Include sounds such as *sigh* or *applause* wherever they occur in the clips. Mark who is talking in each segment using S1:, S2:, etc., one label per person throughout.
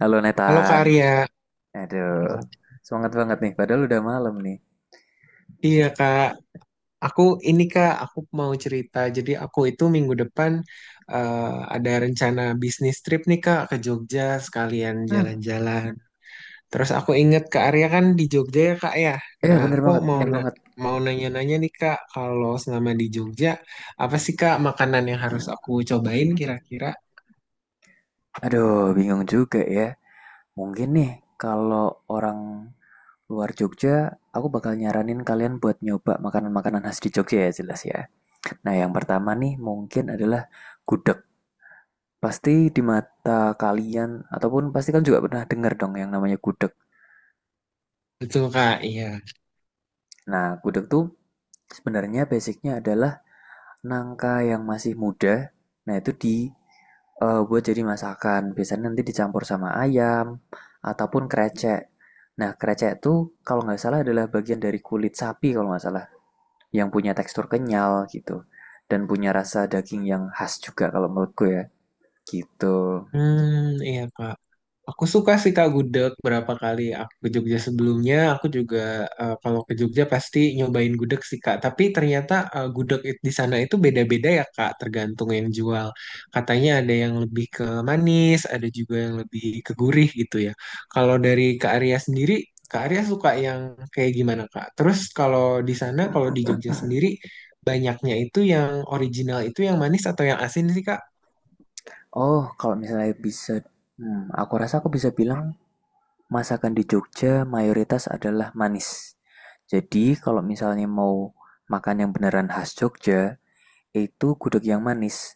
S1: Halo
S2: Halo Kak
S1: Nathan.
S2: Arya,
S1: Aduh,
S2: ya.
S1: semangat banget nih. Padahal udah malam nih.
S2: Iya
S1: Aduh.
S2: Kak, aku ini Kak, aku mau cerita. Jadi aku itu minggu depan eh, ada rencana bisnis trip nih Kak ke Jogja sekalian
S1: Hmm.
S2: jalan-jalan. Terus aku inget Kak Arya kan di Jogja ya Kak ya.
S1: Iya
S2: Nah
S1: bener
S2: aku
S1: banget, bener banget.
S2: mau nanya-nanya nih Kak, kalau selama di Jogja apa sih Kak makanan yang harus aku cobain kira-kira?
S1: Aduh, bingung juga ya. Mungkin nih kalau orang luar Jogja, aku bakal nyaranin kalian buat nyoba makanan-makanan khas di Jogja ya jelas ya. Nah yang pertama nih mungkin adalah gudeg. Pasti di mata kalian ataupun pasti kalian juga pernah dengar dong yang namanya gudeg.
S2: Betul Kak, iya.
S1: Nah gudeg tuh sebenarnya basicnya adalah nangka yang masih muda, nah itu di buat jadi masakan. Biasanya nanti dicampur sama ayam ataupun krecek. Nah, krecek itu kalau nggak salah adalah bagian dari kulit sapi kalau nggak salah, yang punya tekstur kenyal gitu dan punya rasa daging yang khas juga kalau menurutku ya. Gitu.
S2: Hmm, iya Kak. Aku suka sih Kak gudeg berapa kali aku ke Jogja sebelumnya. Aku juga kalau ke Jogja pasti nyobain gudeg sih Kak. Tapi ternyata di sana itu beda-beda ya Kak, tergantung yang jual. Katanya ada yang lebih ke manis, ada juga yang lebih ke gurih gitu ya. Kalau dari Kak Arya sendiri, Kak Arya suka yang kayak gimana Kak? Terus kalau di sana, kalau di Jogja sendiri, banyaknya itu yang original itu yang manis atau yang asin sih Kak?
S1: Oh, kalau misalnya bisa, aku rasa aku bisa bilang masakan di Jogja mayoritas adalah manis. Jadi kalau misalnya mau makan yang beneran khas Jogja, yaitu gudeg yang manis.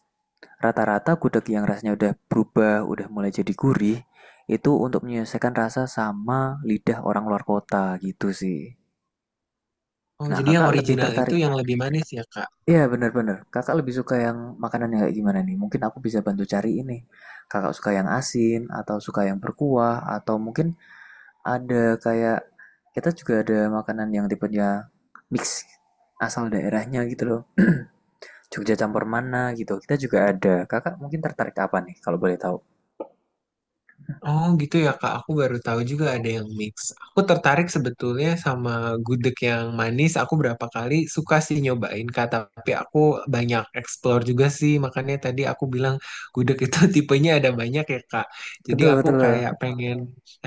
S1: Rata-rata gudeg yang rasanya udah berubah, udah mulai jadi gurih, itu untuk menyelesaikan rasa sama lidah orang luar kota gitu sih.
S2: Oh,
S1: Nah,
S2: jadi yang
S1: kakak lebih
S2: original itu
S1: tertarik.
S2: yang lebih manis ya Kak?
S1: Iya, bener-bener. Kakak lebih suka yang makanan yang kayak gimana nih? Mungkin aku bisa bantu cari ini. Kakak suka yang asin, atau suka yang berkuah, atau mungkin ada kayak, kita juga ada makanan yang tipenya mix asal daerahnya gitu loh. Jogja campur mana gitu. Kita juga ada. Kakak mungkin tertarik apa nih kalau boleh tahu?
S2: Oh gitu ya Kak, aku baru tahu juga ada yang mix. Aku tertarik sebetulnya sama gudeg yang manis. Aku berapa kali suka sih nyobain Kak, tapi aku banyak explore juga sih. Makanya tadi aku bilang gudeg itu *laughs* tipenya ada banyak ya Kak. Jadi
S1: Betul,
S2: aku
S1: betul.
S2: kayak pengen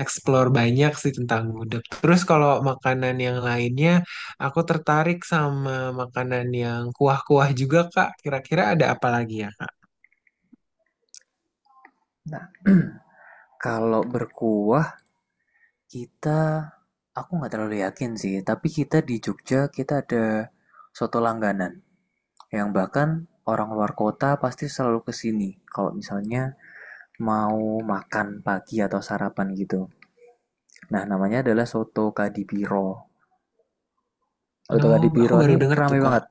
S2: explore banyak sih tentang gudeg. Terus kalau makanan yang lainnya, aku tertarik sama makanan yang kuah-kuah juga Kak. Kira-kira ada apa lagi ya Kak?
S1: Nah, *clears throat* kalau berkuah kita aku nggak terlalu yakin sih, tapi kita di Jogja ada soto langganan yang bahkan orang luar kota pasti selalu kesini kalau misalnya mau makan pagi atau sarapan gitu. Nah, namanya adalah soto Kadipiro. Soto
S2: No, aku
S1: Kadipiro
S2: baru
S1: ini
S2: dengar
S1: rame
S2: tuh Kak.
S1: banget,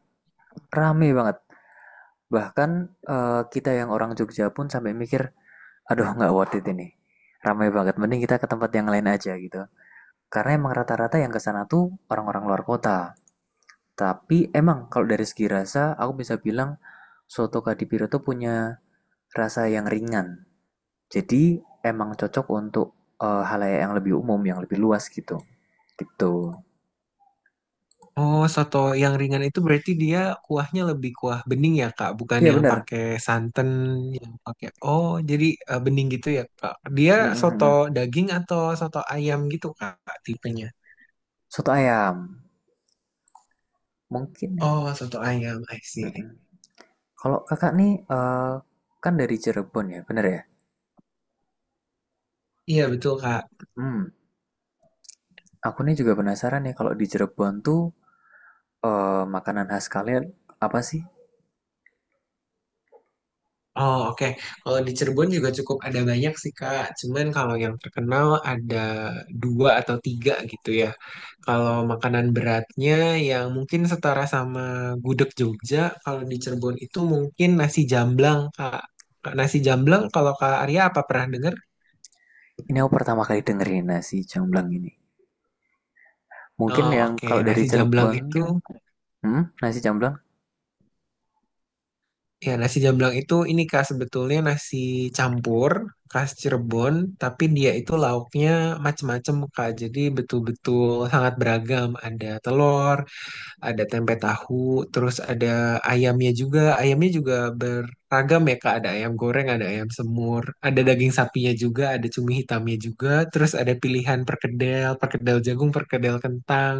S1: rame banget. Bahkan kita yang orang Jogja pun sampai mikir, aduh nggak worth it ini. Ramai banget, mending kita ke tempat yang lain aja gitu. Karena emang rata-rata yang ke sana tuh orang-orang luar kota. Tapi emang kalau dari segi rasa, aku bisa bilang soto Kadipiro tuh punya rasa yang ringan. Jadi emang cocok untuk halayak yang lebih umum, yang lebih luas gitu. Gitu.
S2: Oh, soto yang ringan itu berarti dia kuahnya lebih kuah bening ya, Kak, bukan
S1: Iya
S2: yang
S1: benar.
S2: pakai santan, yang pakai oh, jadi bening gitu ya, Kak. Dia soto daging atau soto ayam gitu, Kak, tipenya.
S1: Soto ayam. Mungkin ya.
S2: Oh, soto ayam, I
S1: Mm,
S2: see.
S1: mm. Kalau kakak nih kan dari Cirebon ya, bener ya?
S2: Iya, betul, Kak.
S1: Hmm, aku nih juga penasaran ya kalau di Cirebon tuh makanan khas kalian apa sih?
S2: Oh, oke. Kalau di Cirebon juga cukup ada banyak sih, Kak. Cuman kalau yang terkenal ada dua atau tiga gitu ya. Kalau makanan beratnya yang mungkin setara sama gudeg Jogja, kalau di Cirebon itu mungkin nasi jamblang, Kak. Kak, nasi jamblang kalau Kak Arya apa pernah dengar?
S1: Ini aku pertama kali dengerin nasi jamblang ini. Mungkin
S2: Oh,
S1: yang
S2: oke.
S1: kalau dari
S2: Nasi jamblang
S1: Cirebon
S2: itu
S1: tuh, nasi jamblang.
S2: ya nasi jamblang itu ini Kak sebetulnya nasi campur khas Cirebon, tapi dia itu lauknya macem-macem Kak. Jadi betul-betul sangat beragam. Ada telur, ada tempe tahu, terus ada ayamnya juga. Ayamnya juga beragam ya Kak, ada ayam goreng, ada ayam semur, ada daging sapinya juga, ada cumi hitamnya juga, terus ada pilihan perkedel, perkedel jagung, perkedel kentang,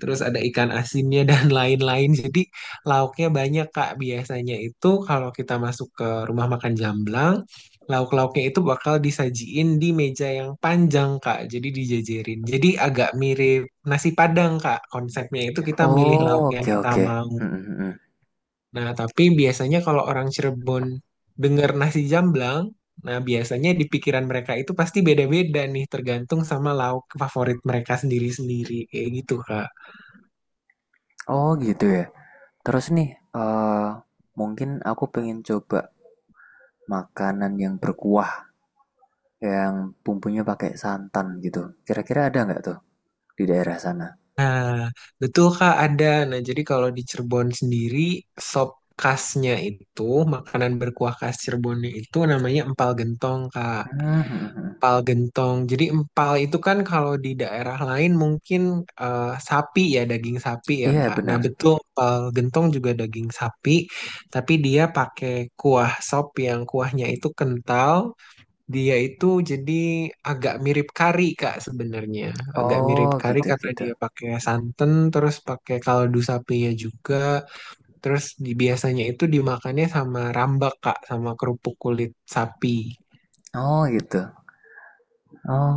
S2: terus ada ikan asinnya dan *laughs* lain-lain. Jadi lauknya banyak Kak, biasanya itu kalau kita masuk ke rumah makan Jamblang, lauk-lauknya itu bakal disajiin di meja yang panjang, Kak. Jadi dijajarin. Jadi agak mirip nasi Padang, Kak. Konsepnya itu kita milih lauk
S1: Oh,
S2: yang
S1: oke
S2: kita
S1: oke.
S2: mau.
S1: Hmm, hmm, hmm, hmm.
S2: Nah, tapi biasanya kalau orang Cirebon dengar nasi jamblang, nah biasanya di pikiran mereka itu pasti beda-beda nih, tergantung sama lauk favorit mereka sendiri-sendiri. Kayak gitu, Kak.
S1: Oh gitu ya. Terus nih, eh mungkin aku pengen coba makanan yang berkuah, yang bumbunya pakai santan gitu. Kira-kira ada nggak tuh di daerah sana?
S2: Nah, betul Kak ada. Nah, jadi kalau di Cirebon sendiri sop khasnya itu makanan berkuah khas Cirebonnya itu namanya empal gentong Kak.
S1: Hmm, hmm, hmm, hmm.
S2: Empal gentong. Jadi empal itu kan kalau di daerah lain mungkin sapi ya, daging sapi ya
S1: Iya
S2: Kak. Nah,
S1: benar.
S2: betul empal gentong juga daging sapi, tapi dia pakai kuah sop yang kuahnya itu kental, dia itu jadi agak mirip kari Kak sebenarnya. Agak mirip
S1: Oh
S2: kari
S1: gitu
S2: karena
S1: gitu.
S2: dia pakai santan, terus pakai kaldu sapinya juga. Terus biasanya itu dimakannya sama rambak Kak, sama kerupuk kulit sapi. *laughs*
S1: Oh gitu.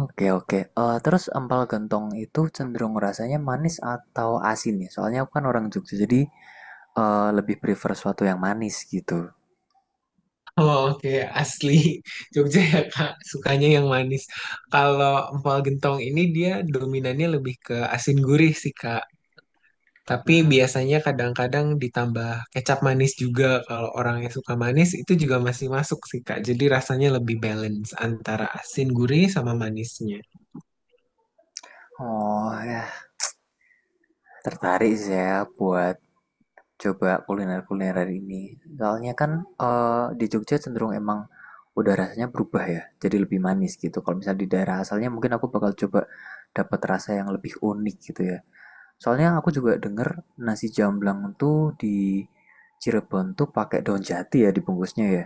S1: Oke oke. Eh, terus empal gentong itu cenderung rasanya manis atau asin ya? Soalnya aku kan orang Jogja, jadi lebih prefer suatu yang manis gitu.
S2: Oh, oke, asli *laughs* Jogja ya Kak, sukanya yang manis. Kalau empal gentong ini dia dominannya lebih ke asin gurih sih Kak. Tapi
S1: Hmm.
S2: biasanya kadang-kadang ditambah kecap manis juga. Kalau orang yang suka manis itu juga masih masuk sih, Kak. Jadi rasanya lebih balance antara asin, gurih, sama manisnya.
S1: Oh ya, tertarik saya buat coba kuliner-kuliner hari ini. Soalnya kan di Jogja cenderung emang udah rasanya berubah ya, jadi lebih manis gitu. Kalau misalnya di daerah asalnya mungkin aku bakal coba dapat rasa yang lebih unik gitu ya. Soalnya aku juga denger nasi jamblang tuh di Cirebon tuh pakai daun jati ya dibungkusnya ya.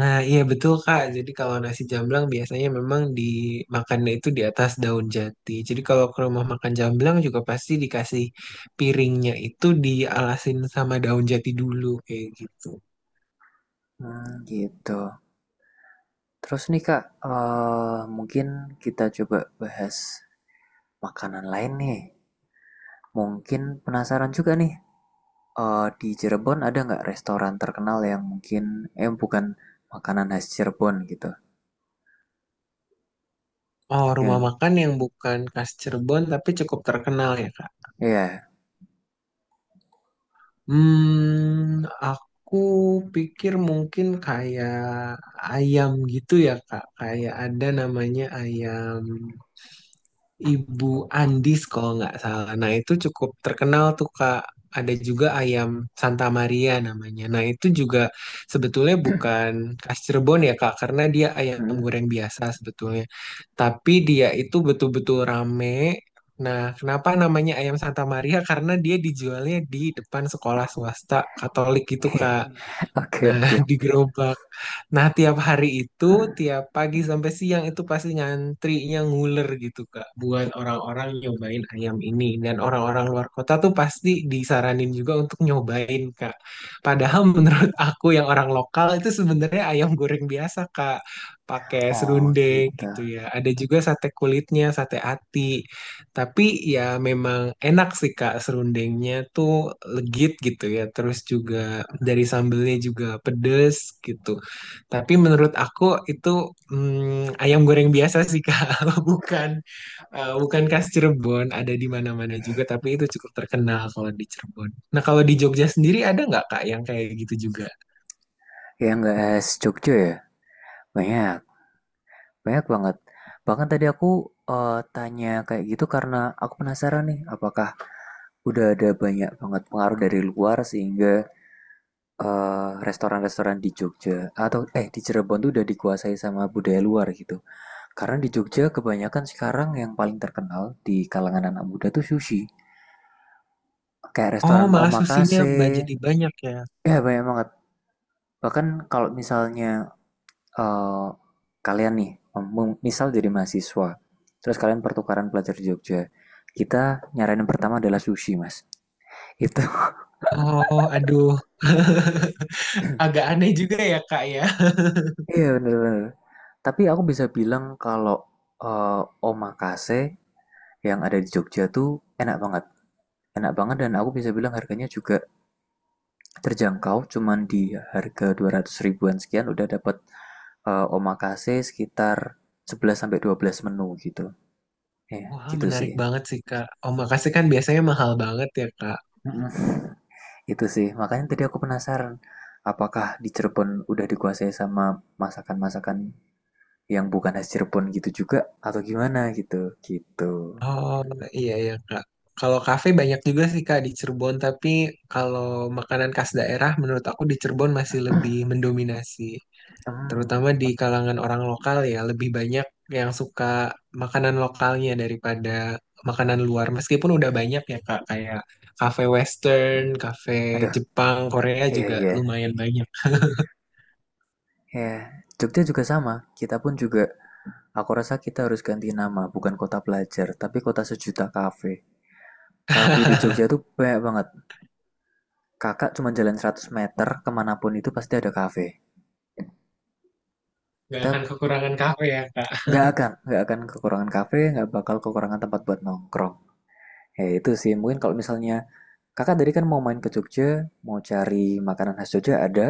S2: Nah, iya betul Kak. Jadi kalau nasi jamblang biasanya memang dimakannya itu di atas daun jati. Jadi kalau ke rumah makan jamblang juga pasti dikasih piringnya itu dialasin sama daun jati dulu kayak gitu.
S1: Hmm, gitu. Terus nih Kak, mungkin kita coba bahas makanan lain nih. Mungkin penasaran juga nih, di Cirebon ada nggak restoran terkenal yang mungkin, bukan makanan khas Cirebon gitu.
S2: Oh, rumah
S1: Yang,
S2: makan yang bukan khas Cirebon tapi cukup terkenal ya Kak.
S1: ya
S2: Hmm, aku pikir mungkin kayak ayam gitu ya Kak. Kayak ada namanya ayam. Ibu Andis kalau nggak salah. Nah itu cukup terkenal tuh Kak. Ada juga ayam Santa Maria namanya. Nah itu juga sebetulnya bukan khas Cirebon ya Kak, karena dia ayam goreng biasa sebetulnya. Tapi dia itu betul-betul rame. Nah kenapa namanya ayam Santa Maria? Karena dia dijualnya di depan sekolah swasta Katolik gitu Kak.
S1: *laughs* oke,
S2: Nah,
S1: oke.
S2: *laughs* di gerobak. Nah, tiap hari itu, tiap pagi sampai siang itu pasti ngantrinya nguler gitu, Kak. Buat orang-orang nyobain ayam ini. Dan orang-orang luar kota tuh pasti disaranin juga untuk nyobain, Kak. Padahal *laughs* menurut aku yang orang lokal itu sebenarnya ayam goreng biasa, Kak. Pakai
S1: Oh
S2: serundeng
S1: gitu.
S2: gitu ya. Ada juga sate kulitnya, sate ati. Tapi ya memang enak sih Kak, serundengnya tuh legit gitu ya. Terus juga dari sambelnya juga pedes gitu. Tapi menurut aku itu ayam goreng biasa sih Kak, *laughs* bukan bukan khas Cirebon. Ada di mana-mana juga, tapi itu cukup terkenal kalau di Cirebon. Nah, kalau di Jogja sendiri ada nggak Kak yang kayak gitu juga?
S1: Yang nggak khas Jogja ya? Banyak. Banyak banget. Bahkan tadi aku tanya kayak gitu karena aku penasaran nih, apakah udah ada banyak banget pengaruh dari luar sehingga restoran-restoran di Jogja atau eh di Cirebon tuh udah dikuasai sama budaya luar gitu. Karena di Jogja kebanyakan sekarang yang paling terkenal di kalangan anak muda tuh sushi. Kayak
S2: Oh,
S1: restoran
S2: malah susinya
S1: omakase,
S2: jadi banyak ya.
S1: ya banyak banget. Bahkan kalau misalnya eh, kalian nih, misal jadi mahasiswa, terus kalian pertukaran pelajar di Jogja, kita nyaranin pertama adalah sushi, Mas. *laughs* Itu,
S2: Oh, aduh, *laughs* agak aneh juga ya Kak ya.
S1: iya bener-bener. Tapi aku bisa bilang kalau eh, omakase yang ada di Jogja tuh enak banget. Enak banget dan aku bisa bilang harganya juga terjangkau, cuman di harga 200 ribuan sekian udah dapat omakase sekitar 11 sampai 12 menu gitu. Ya,
S2: Wah,
S1: gitu sih.
S2: menarik banget sih, Kak. Oh, makasih kan biasanya mahal banget ya, Kak.
S1: Itu sih, makanya tadi aku penasaran, apakah di Cirebon udah dikuasai sama masakan-masakan yang bukan khas Cirebon gitu juga atau gimana gitu. Gitu.
S2: Oh, iya ya, Kak. Kalau kafe banyak juga sih, Kak, di Cirebon. Tapi kalau makanan khas daerah, menurut aku di Cirebon masih lebih mendominasi.
S1: Hmm,
S2: Terutama di kalangan orang lokal ya, lebih banyak yang suka makanan lokalnya daripada makanan luar. Meskipun udah banyak ya, Kak, kayak kafe Western, kafe
S1: aduh,
S2: Jepang, Korea
S1: iya
S2: juga
S1: iya.
S2: lumayan banyak.
S1: Ya, Jogja juga sama. Kita pun juga, aku rasa kita harus ganti nama, bukan kota pelajar, tapi kota sejuta kafe. Kafe di Jogja tuh banyak banget. Kakak cuma jalan 100 meter kemanapun itu pasti ada kafe.
S2: Gak
S1: Kita
S2: akan kekurangan kafe ya, Kak.
S1: nggak akan, nggak akan kekurangan kafe, nggak bakal kekurangan tempat buat nongkrong. Ya itu sih, mungkin kalau misalnya kakak tadi kan mau main ke Jogja, mau cari makanan khas Jogja ada,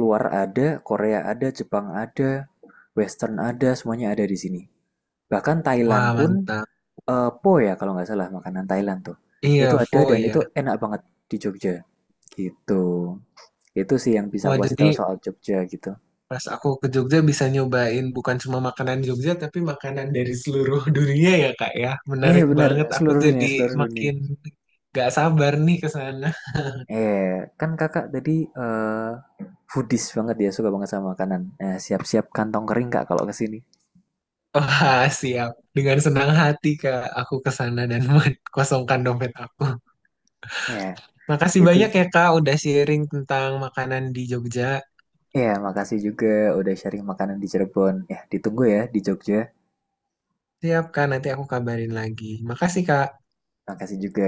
S1: luar ada, Korea ada, Jepang ada, Western ada, semuanya ada di sini. Bahkan Thailand
S2: Wah,
S1: pun,
S2: mantap.
S1: po ya kalau nggak salah makanan Thailand tuh. Itu
S2: Iya,
S1: ada
S2: Fo
S1: dan
S2: ya.
S1: itu enak banget di Jogja. Gitu. Itu sih yang bisa
S2: Wah,
S1: aku kasih tahu
S2: jadi
S1: soal Jogja gitu.
S2: pas aku ke Jogja bisa nyobain bukan cuma makanan Jogja, tapi makanan dari seluruh *laughs* dunia ya, Kak ya.
S1: Eh
S2: Menarik
S1: benar,
S2: banget. Aku
S1: seluruh dunia,
S2: jadi
S1: seluruh dunia.
S2: makin gak sabar nih ke sana.
S1: Eh, kan kakak tadi eh foodies banget ya, suka banget sama makanan. Eh, siap-siap kantong kering kak kalau ke sini.
S2: *laughs* Wah, siap. Dengan senang hati, Kak, aku ke sana dan *laughs* kosongkan dompet aku.
S1: Ya,
S2: Makasih
S1: itu
S2: banyak ya, Kak, udah sharing tentang makanan di Jogja.
S1: ya makasih juga udah sharing makanan di Cirebon. Ya, ditunggu ya di Jogja.
S2: Siap, Kak, nanti aku kabarin lagi. Makasih, Kak.
S1: Makasih juga.